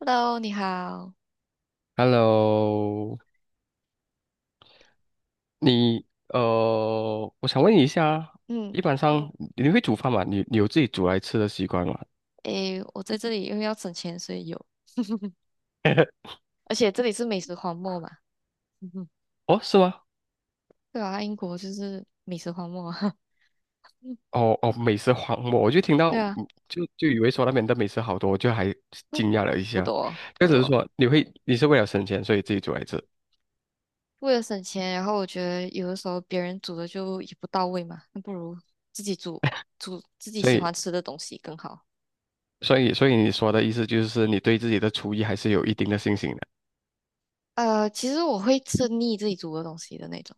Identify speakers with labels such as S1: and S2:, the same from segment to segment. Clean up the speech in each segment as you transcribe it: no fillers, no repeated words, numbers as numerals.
S1: Hello，你好。
S2: Hello，你我想问你一下，
S1: 嗯，
S2: 一般上你会煮饭吗？你有自己煮来吃的习惯吗？
S1: 诶，我在这里因为要省钱，所以有，而且这里是美食荒漠嘛。
S2: 哦，是吗？
S1: 对啊，英国就是美食荒漠。嗯
S2: 哦哦，美食荒漠，我就听到。
S1: 对啊，
S2: 就以为说那边的美食好多，我就还
S1: 不
S2: 惊讶了一
S1: 不
S2: 下。
S1: 多
S2: 就
S1: 不
S2: 只是
S1: 多。
S2: 说你会，你是为了省钱，所以自己煮来吃，
S1: 为了省钱，然后我觉得有的时候别人煮的就也不到位嘛，那不如自己煮，煮自己
S2: 所
S1: 喜
S2: 以
S1: 欢吃的东西更好。
S2: 所以你说的意思就是你对自己的厨艺还是有一定的信心的。
S1: 其实我会吃腻自己煮的东西的那种。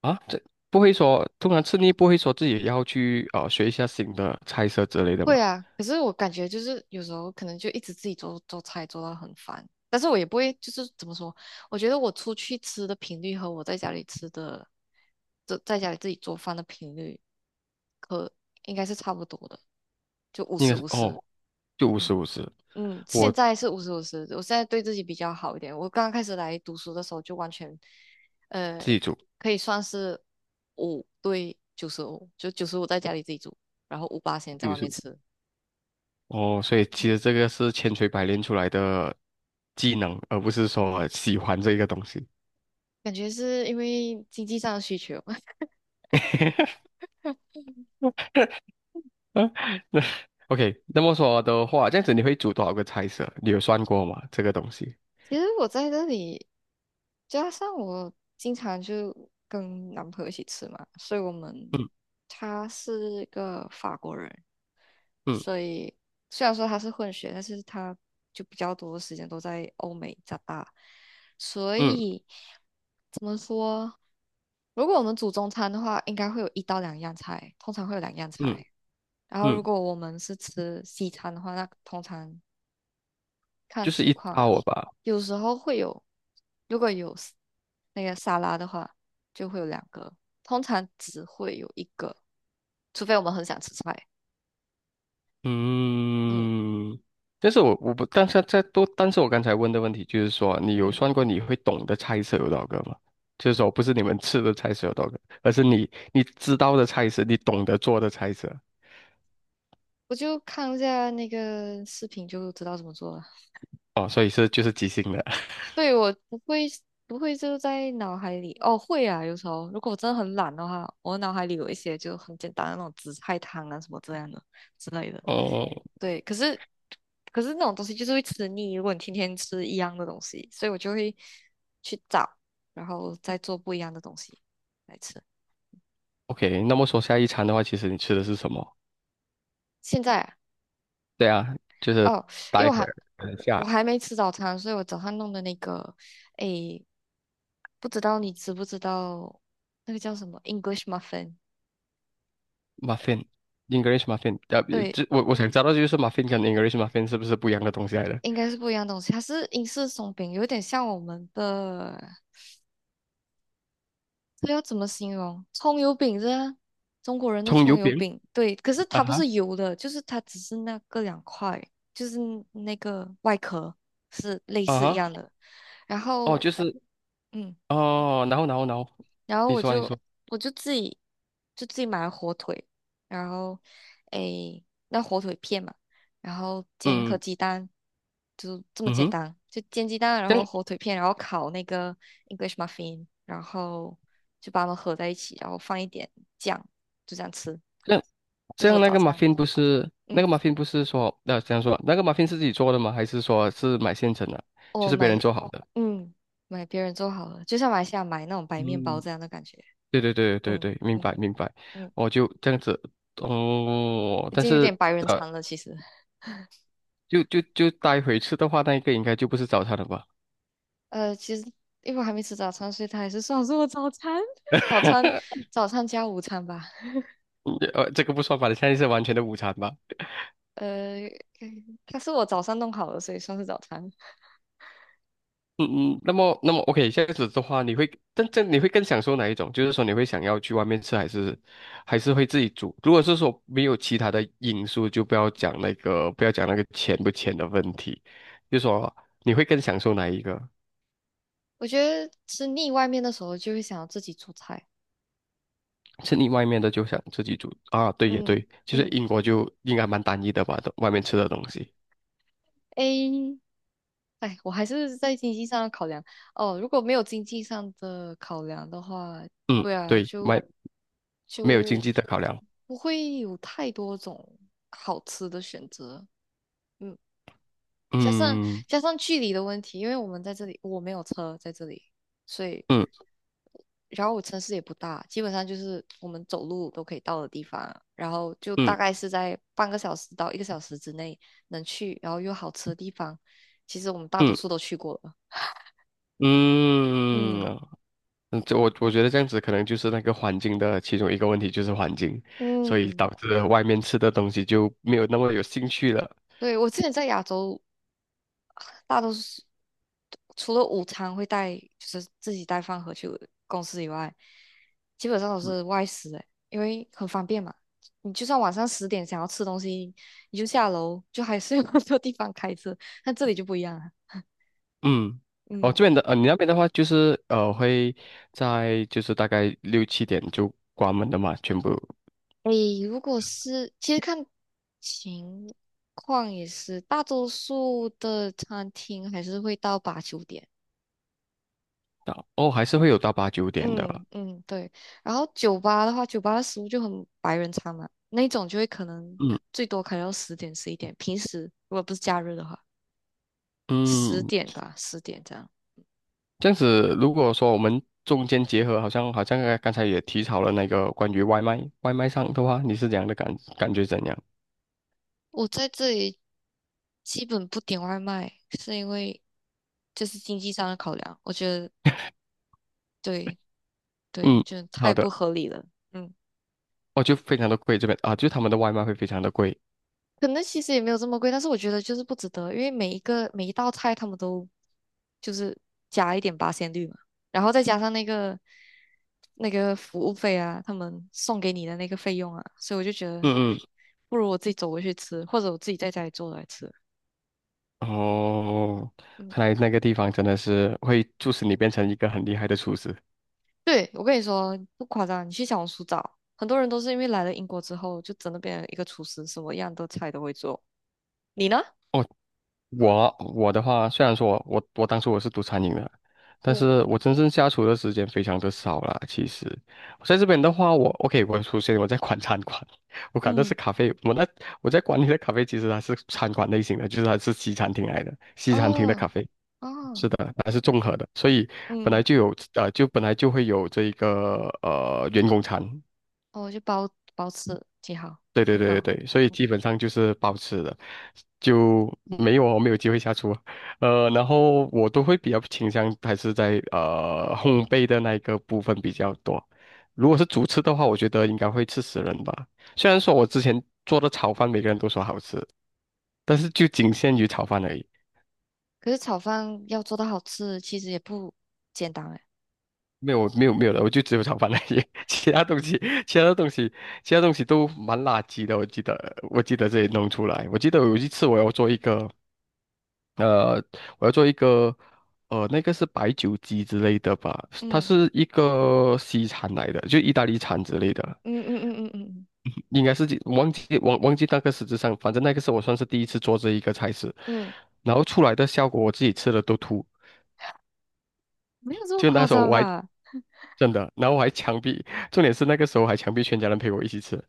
S2: 啊？这不会说，通常吃腻不会说自己要去学一下新的菜色之类的吗？
S1: 会啊，可是我感觉就是有时候可能就一直自己做做菜做到很烦，但是我也不会就是怎么说，我觉得我出去吃的频率和我在家里吃的，在家里自己做饭的频率，可应该是差不多的，就五
S2: 应
S1: 十
S2: 该是
S1: 五十，
S2: 哦，就五十
S1: 嗯
S2: 五十。
S1: 嗯，现
S2: 我
S1: 在是五十五十，我现在对自己比较好一点，我刚刚开始来读书的时候就完全，呃，
S2: 自己煮
S1: 可以算是5对95，就九十五在家里自己煮，然后五八先在
S2: 就五
S1: 外
S2: 十
S1: 面
S2: 五。
S1: 吃。
S2: 哦，所以其实这个是千锤百炼出来的技能，而不是说喜欢这个东西。
S1: 感觉是因为经济上的需求。
S2: 嗯那 OK,那么说的话，这样子你会煮多少个菜色？你有算过吗？这个东西？
S1: 其实我在这里，加上我经常就跟男朋友一起吃嘛，所以我们
S2: 嗯
S1: 他是个法国人，
S2: 嗯
S1: 所以虽然说他是混血，但是他就比较多的时间都在欧美长大，所
S2: 嗯
S1: 以怎么说？如果我们煮中餐的话，应该会有一到两样菜，通常会有两样
S2: 嗯
S1: 菜。然后，如
S2: 嗯。
S1: 果我们是吃西餐的话，那通常看
S2: 就是
S1: 情
S2: 一
S1: 况，
S2: 套吧。
S1: 有时候会有，如果有 那个沙拉的话，就会有两个，通常只会有一个，除非我们很想吃菜。嗯
S2: 嗯，但是我不，但是在多，但是我刚才问的问题就是说，你有
S1: 嗯，
S2: 算过你会懂的菜色有多少个吗？就是说，不是你们吃的菜色有多少个，而是你你知道的菜色，你懂得做的菜色。
S1: 我就看一下那个视频就知道怎么做了。
S2: 哦，所以是就是即兴的。
S1: 对，我不会就在脑海里，哦，会啊，有时候如果我真的很懒的话，我脑海里有一些就很简单的那种紫菜汤啊什么这样的之类的。
S2: 哦
S1: 对，可是那种东西就是会吃腻，如果你天天吃一样的东西，所以我就会去找，然后再做不一样的东西来吃。
S2: ，OK,那么说下一餐的话，其实你吃的是什么？
S1: 现在啊
S2: 对啊。就是
S1: 哦，因为
S2: 待
S1: 我
S2: 会
S1: 还
S2: 儿等一
S1: 我
S2: 下
S1: 还没吃早餐，所以我早上弄的那个，诶，不知道你知不知道那个叫什么 English muffin？
S2: muffin English muffin,
S1: 对，
S2: 这我我想知道就是 muffin 跟 English muffin 是不是不一样的东西来的？
S1: 应该是不一样的东西，它是英式松饼，有点像我们的。这要怎么形容？葱油饼是啊，中国人的
S2: 葱
S1: 葱
S2: 油
S1: 油
S2: 饼，
S1: 饼，对，可是
S2: 啊
S1: 它不
S2: 哈。
S1: 是油的，就是它只是那个两块，就是那个外壳是类
S2: 啊
S1: 似一
S2: 哈，
S1: 样的。然
S2: 哦，
S1: 后，
S2: 就是。
S1: 嗯，
S2: 哦，然后，
S1: 然后
S2: 你
S1: 我
S2: 说你
S1: 就
S2: 说，
S1: 我就自己买了火腿，然后诶，那火腿片嘛，然后煎一颗
S2: 嗯
S1: 鸡蛋，就这么
S2: 嗯
S1: 简
S2: 哼。
S1: 单，就煎鸡蛋，然
S2: 这
S1: 后
S2: 样
S1: 火腿片，然后烤那个 English muffin，然后就把它们合在一起，然后放一点酱，就这样吃，
S2: 这样
S1: 这
S2: 这
S1: 是我
S2: 样那
S1: 早
S2: 个 m
S1: 餐。
S2: u 不是那
S1: 嗯，
S2: 个 m u 不是说这样说那个 m u 是自己做的吗？还是说是买现成的，就
S1: 我
S2: 是别人
S1: 买，
S2: 做好的？
S1: 嗯，买别人做好了，就像马来西亚买那种白面包
S2: 嗯，
S1: 这样的感觉。
S2: 对对对对
S1: 嗯
S2: 对，明
S1: 嗯
S2: 白明白。
S1: 嗯，
S2: 我就这样子哦，
S1: 已
S2: 但
S1: 经有点
S2: 是
S1: 白人
S2: 呃
S1: 餐了，其实。
S2: 就待会吃的话，那一个应该就不是早餐了吧？
S1: 其实因为我还没吃早餐，所以它还是算是我早餐，早餐，早餐加午餐吧。
S2: 这个不算吧，现在是完全的午餐吧？
S1: 呃，它是我早上弄好的，所以算是早餐。
S2: 嗯嗯，那么 OK,这样子的话，你会更享受哪一种？就是说你会想要去外面吃，还是还是会自己煮？如果是说没有其他的因素，就不要讲那个钱不钱的问题，就说你会更享受哪一个？
S1: 我觉得吃腻外面的时候，就会想要自己做菜。
S2: 是你外面的就想自己煮啊？对也
S1: 嗯
S2: 对，其实
S1: 嗯
S2: 英国就应该蛮单一的吧，都外面吃的东西。
S1: ，A，哎，我还是在经济上的考量。哦，如果没有经济上的考量的话，
S2: 嗯，
S1: 对啊，
S2: 对，
S1: 就
S2: 外没有经
S1: 就
S2: 济的考量。
S1: 不会有太多种好吃的选择。加上
S2: 嗯
S1: 加上距离的问题，因为我们在这里，我没有车在这里，所以
S2: 嗯
S1: 然后我城市也不大，基本上就是我们走路都可以到的地方啊，然后就大
S2: 嗯
S1: 概是在半个小时到一个小时之内能去，然后又好吃的地方，其实我们大多
S2: 嗯
S1: 数都去过了。嗯
S2: 嗯。嗯，这我觉得这样子可能就是那个环境的其中一个问题，就是环境，所以
S1: 嗯，
S2: 导致外面吃的东西就没有那么有兴趣了。
S1: 对，我之前在亚洲大多数除了午餐会带，就是自己带饭盒去公司以外，基本上都是外食诶，因为很方便嘛。你就算晚上十点想要吃东西，你就下楼，就还是 有很多地方开车。但这里就不一样了，
S2: 嗯，哦，
S1: 嗯，
S2: 这边的你那边的话就是会在就是大概六七点就关门的嘛，全部
S1: 诶，如果是其实看情况也是，大多数的餐厅还是会到8、9点。
S2: 到哦还是会有到八九点的。
S1: 嗯嗯，对。然后酒吧的话，酒吧的食物就很白人餐嘛，那种就会可能
S2: 嗯
S1: 最多开到10点11点。平时如果不是假日的话，十
S2: 嗯，
S1: 点吧，十点这样。
S2: 这样子如果说我们中间结合，好像好像刚才也提到了那个关于外卖上的话，你是怎样的感觉怎样？
S1: 我在这里基本不点外卖，是因为就是经济上的考量，我觉得对对，
S2: 嗯，
S1: 就太
S2: 好
S1: 不
S2: 的。
S1: 合理了。嗯。
S2: 哦，就非常的贵这边啊，就他们的外卖会非常的贵。
S1: 可能其实也没有这么贵，但是我觉得就是不值得，因为每一道菜他们都就是加一点八仙绿嘛，然后再加上那个服务费啊，他们送给你的那个费用啊，所以我就觉得
S2: 嗯
S1: 不如我自己走过去吃，或者我自己在家里做来吃。
S2: 嗯，哦，
S1: 嗯，
S2: 看来那个地方真的是会促使你变成一个很厉害的厨师。
S1: 对，我跟你说不夸张，你去小红书找，很多人都是因为来了英国之后就真的变成一个厨师，什么样的菜都会做。你呢？
S2: 哦，我我的话，虽然说我当初我是读餐饮的，但
S1: 嗯，
S2: 是我真正下厨的时间非常的少啦。其实我在这边的话，我 OK,我首先我在管餐馆，我管的是
S1: 嗯，
S2: 咖啡，我在管理的咖啡其实它是餐馆类型的，就是它是西餐厅来的，西餐厅的咖
S1: 哦
S2: 啡。是
S1: 哦，
S2: 的，还是综合的，所以本来
S1: 嗯。
S2: 就有就本来就会有这一个员工餐，
S1: 哦，就包吃挺好，
S2: 对对
S1: 很
S2: 对对
S1: 好。
S2: 对，所以基本上就是包吃的，就没有我没有机会下厨。然后我都会比较倾向还是在烘焙的那一个部分比较多。如果是主吃的话，我觉得应该会吃死人吧。虽然说我之前做的炒饭每个人都说好吃，但是就仅限于炒饭而已。
S1: 可是炒饭要做到好吃，其实也不简单哎。
S2: 没有没有没有的，我就只有炒饭那些，其他东西其他东西都蛮垃圾的，我记得这里弄出来，我记得有一次呃我要做一个那个是白酒鸡之类的吧，它
S1: 嗯
S2: 是一个西餐来的，就意大利餐之类的。
S1: 嗯嗯嗯嗯嗯
S2: 应该是忘记那个实质上，反正那个是我算是第一次做这一个菜式，
S1: 嗯，
S2: 然后出来的效果我自己吃了都吐。
S1: 没有这么
S2: 就那
S1: 夸
S2: 时候
S1: 张
S2: 我还
S1: 吧？
S2: 真的。然后我还强逼，重点是那个时候还强逼全家人陪我一起吃，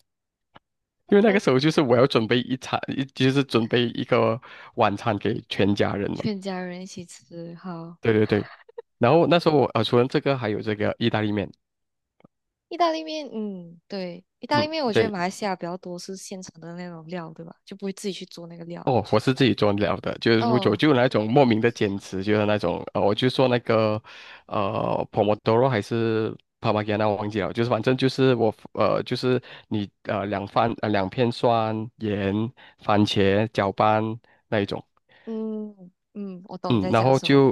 S2: 因为那
S1: 呃，
S2: 个时候就是我要准备一餐，就是准备一个晚餐给全家人嘛。
S1: 全家人一起吃，好。
S2: 对对对。然后那时候我除了这个还有这个意大利面，
S1: 意大利面，嗯，对，意大利
S2: 嗯，
S1: 面，我觉得
S2: 对。
S1: 马来西亚比较多是现成的那种料，对吧？就不会自己去做那个料。
S2: 哦，
S1: 去，
S2: 我是自己做了的，就是我就
S1: 哦，
S2: 就那种莫名的坚持，就是那种我就做那个Pomodoro 还是 p a r m g a n a 我忘记了，就是反正就是我就是你两片蒜盐番茄搅拌那一种。
S1: 嗯嗯，我懂你
S2: 嗯，
S1: 在
S2: 然
S1: 讲
S2: 后
S1: 什么。
S2: 就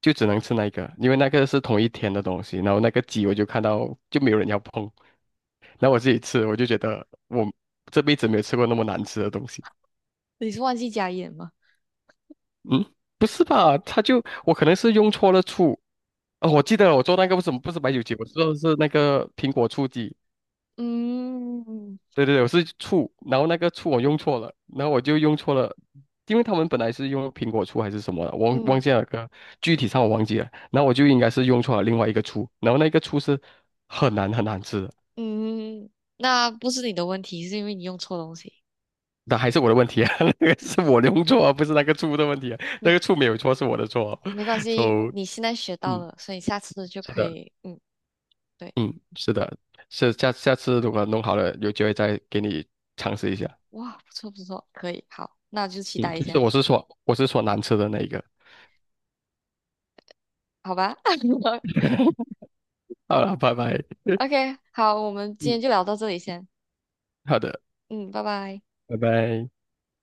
S2: 就只能吃那个，因为那个是同一天的东西，然后那个鸡我就看到就没有人要碰，然后我自己吃，我就觉得我这辈子没有吃过那么难吃的东西。
S1: 你是忘记加盐吗？
S2: 嗯，不是吧？他就我可能是用错了醋。哦，我记得了我做那个为什么不是白酒鸡，我做的是那个苹果醋鸡。
S1: 嗯嗯
S2: 对对对，我是醋，然后那个醋我用错了，然后我就用错了，因为他们本来是用苹果醋还是什么的，我忘忘
S1: 嗯，
S2: 记了个具体上我忘记了，然后我就应该是用错了另外一个醋，然后那个醋是很难很难吃的，
S1: 嗯嗯那不是你的问题，是因为你用错东西。
S2: 那还是我的问题啊。那个是我用错啊，不是那个醋的问题啊，
S1: 没
S2: 那个醋没有错是我的错啊
S1: 没关系，
S2: ，so
S1: 你现在学到
S2: 嗯，
S1: 了，所以下次就
S2: 是
S1: 可
S2: 的。
S1: 以，嗯，对，
S2: 嗯，是的，是下次如果弄好了，有机会再给你尝试一下。
S1: 哇，不错不错，可以，好，那就期
S2: 嗯，
S1: 待一
S2: 就是
S1: 下，
S2: 我是说我是说难吃的那一个。
S1: 好吧
S2: 好了，拜拜。
S1: ？OK，好，我们今天
S2: 嗯，
S1: 就聊到这里先，
S2: 好的，
S1: 嗯，拜拜。
S2: 拜拜。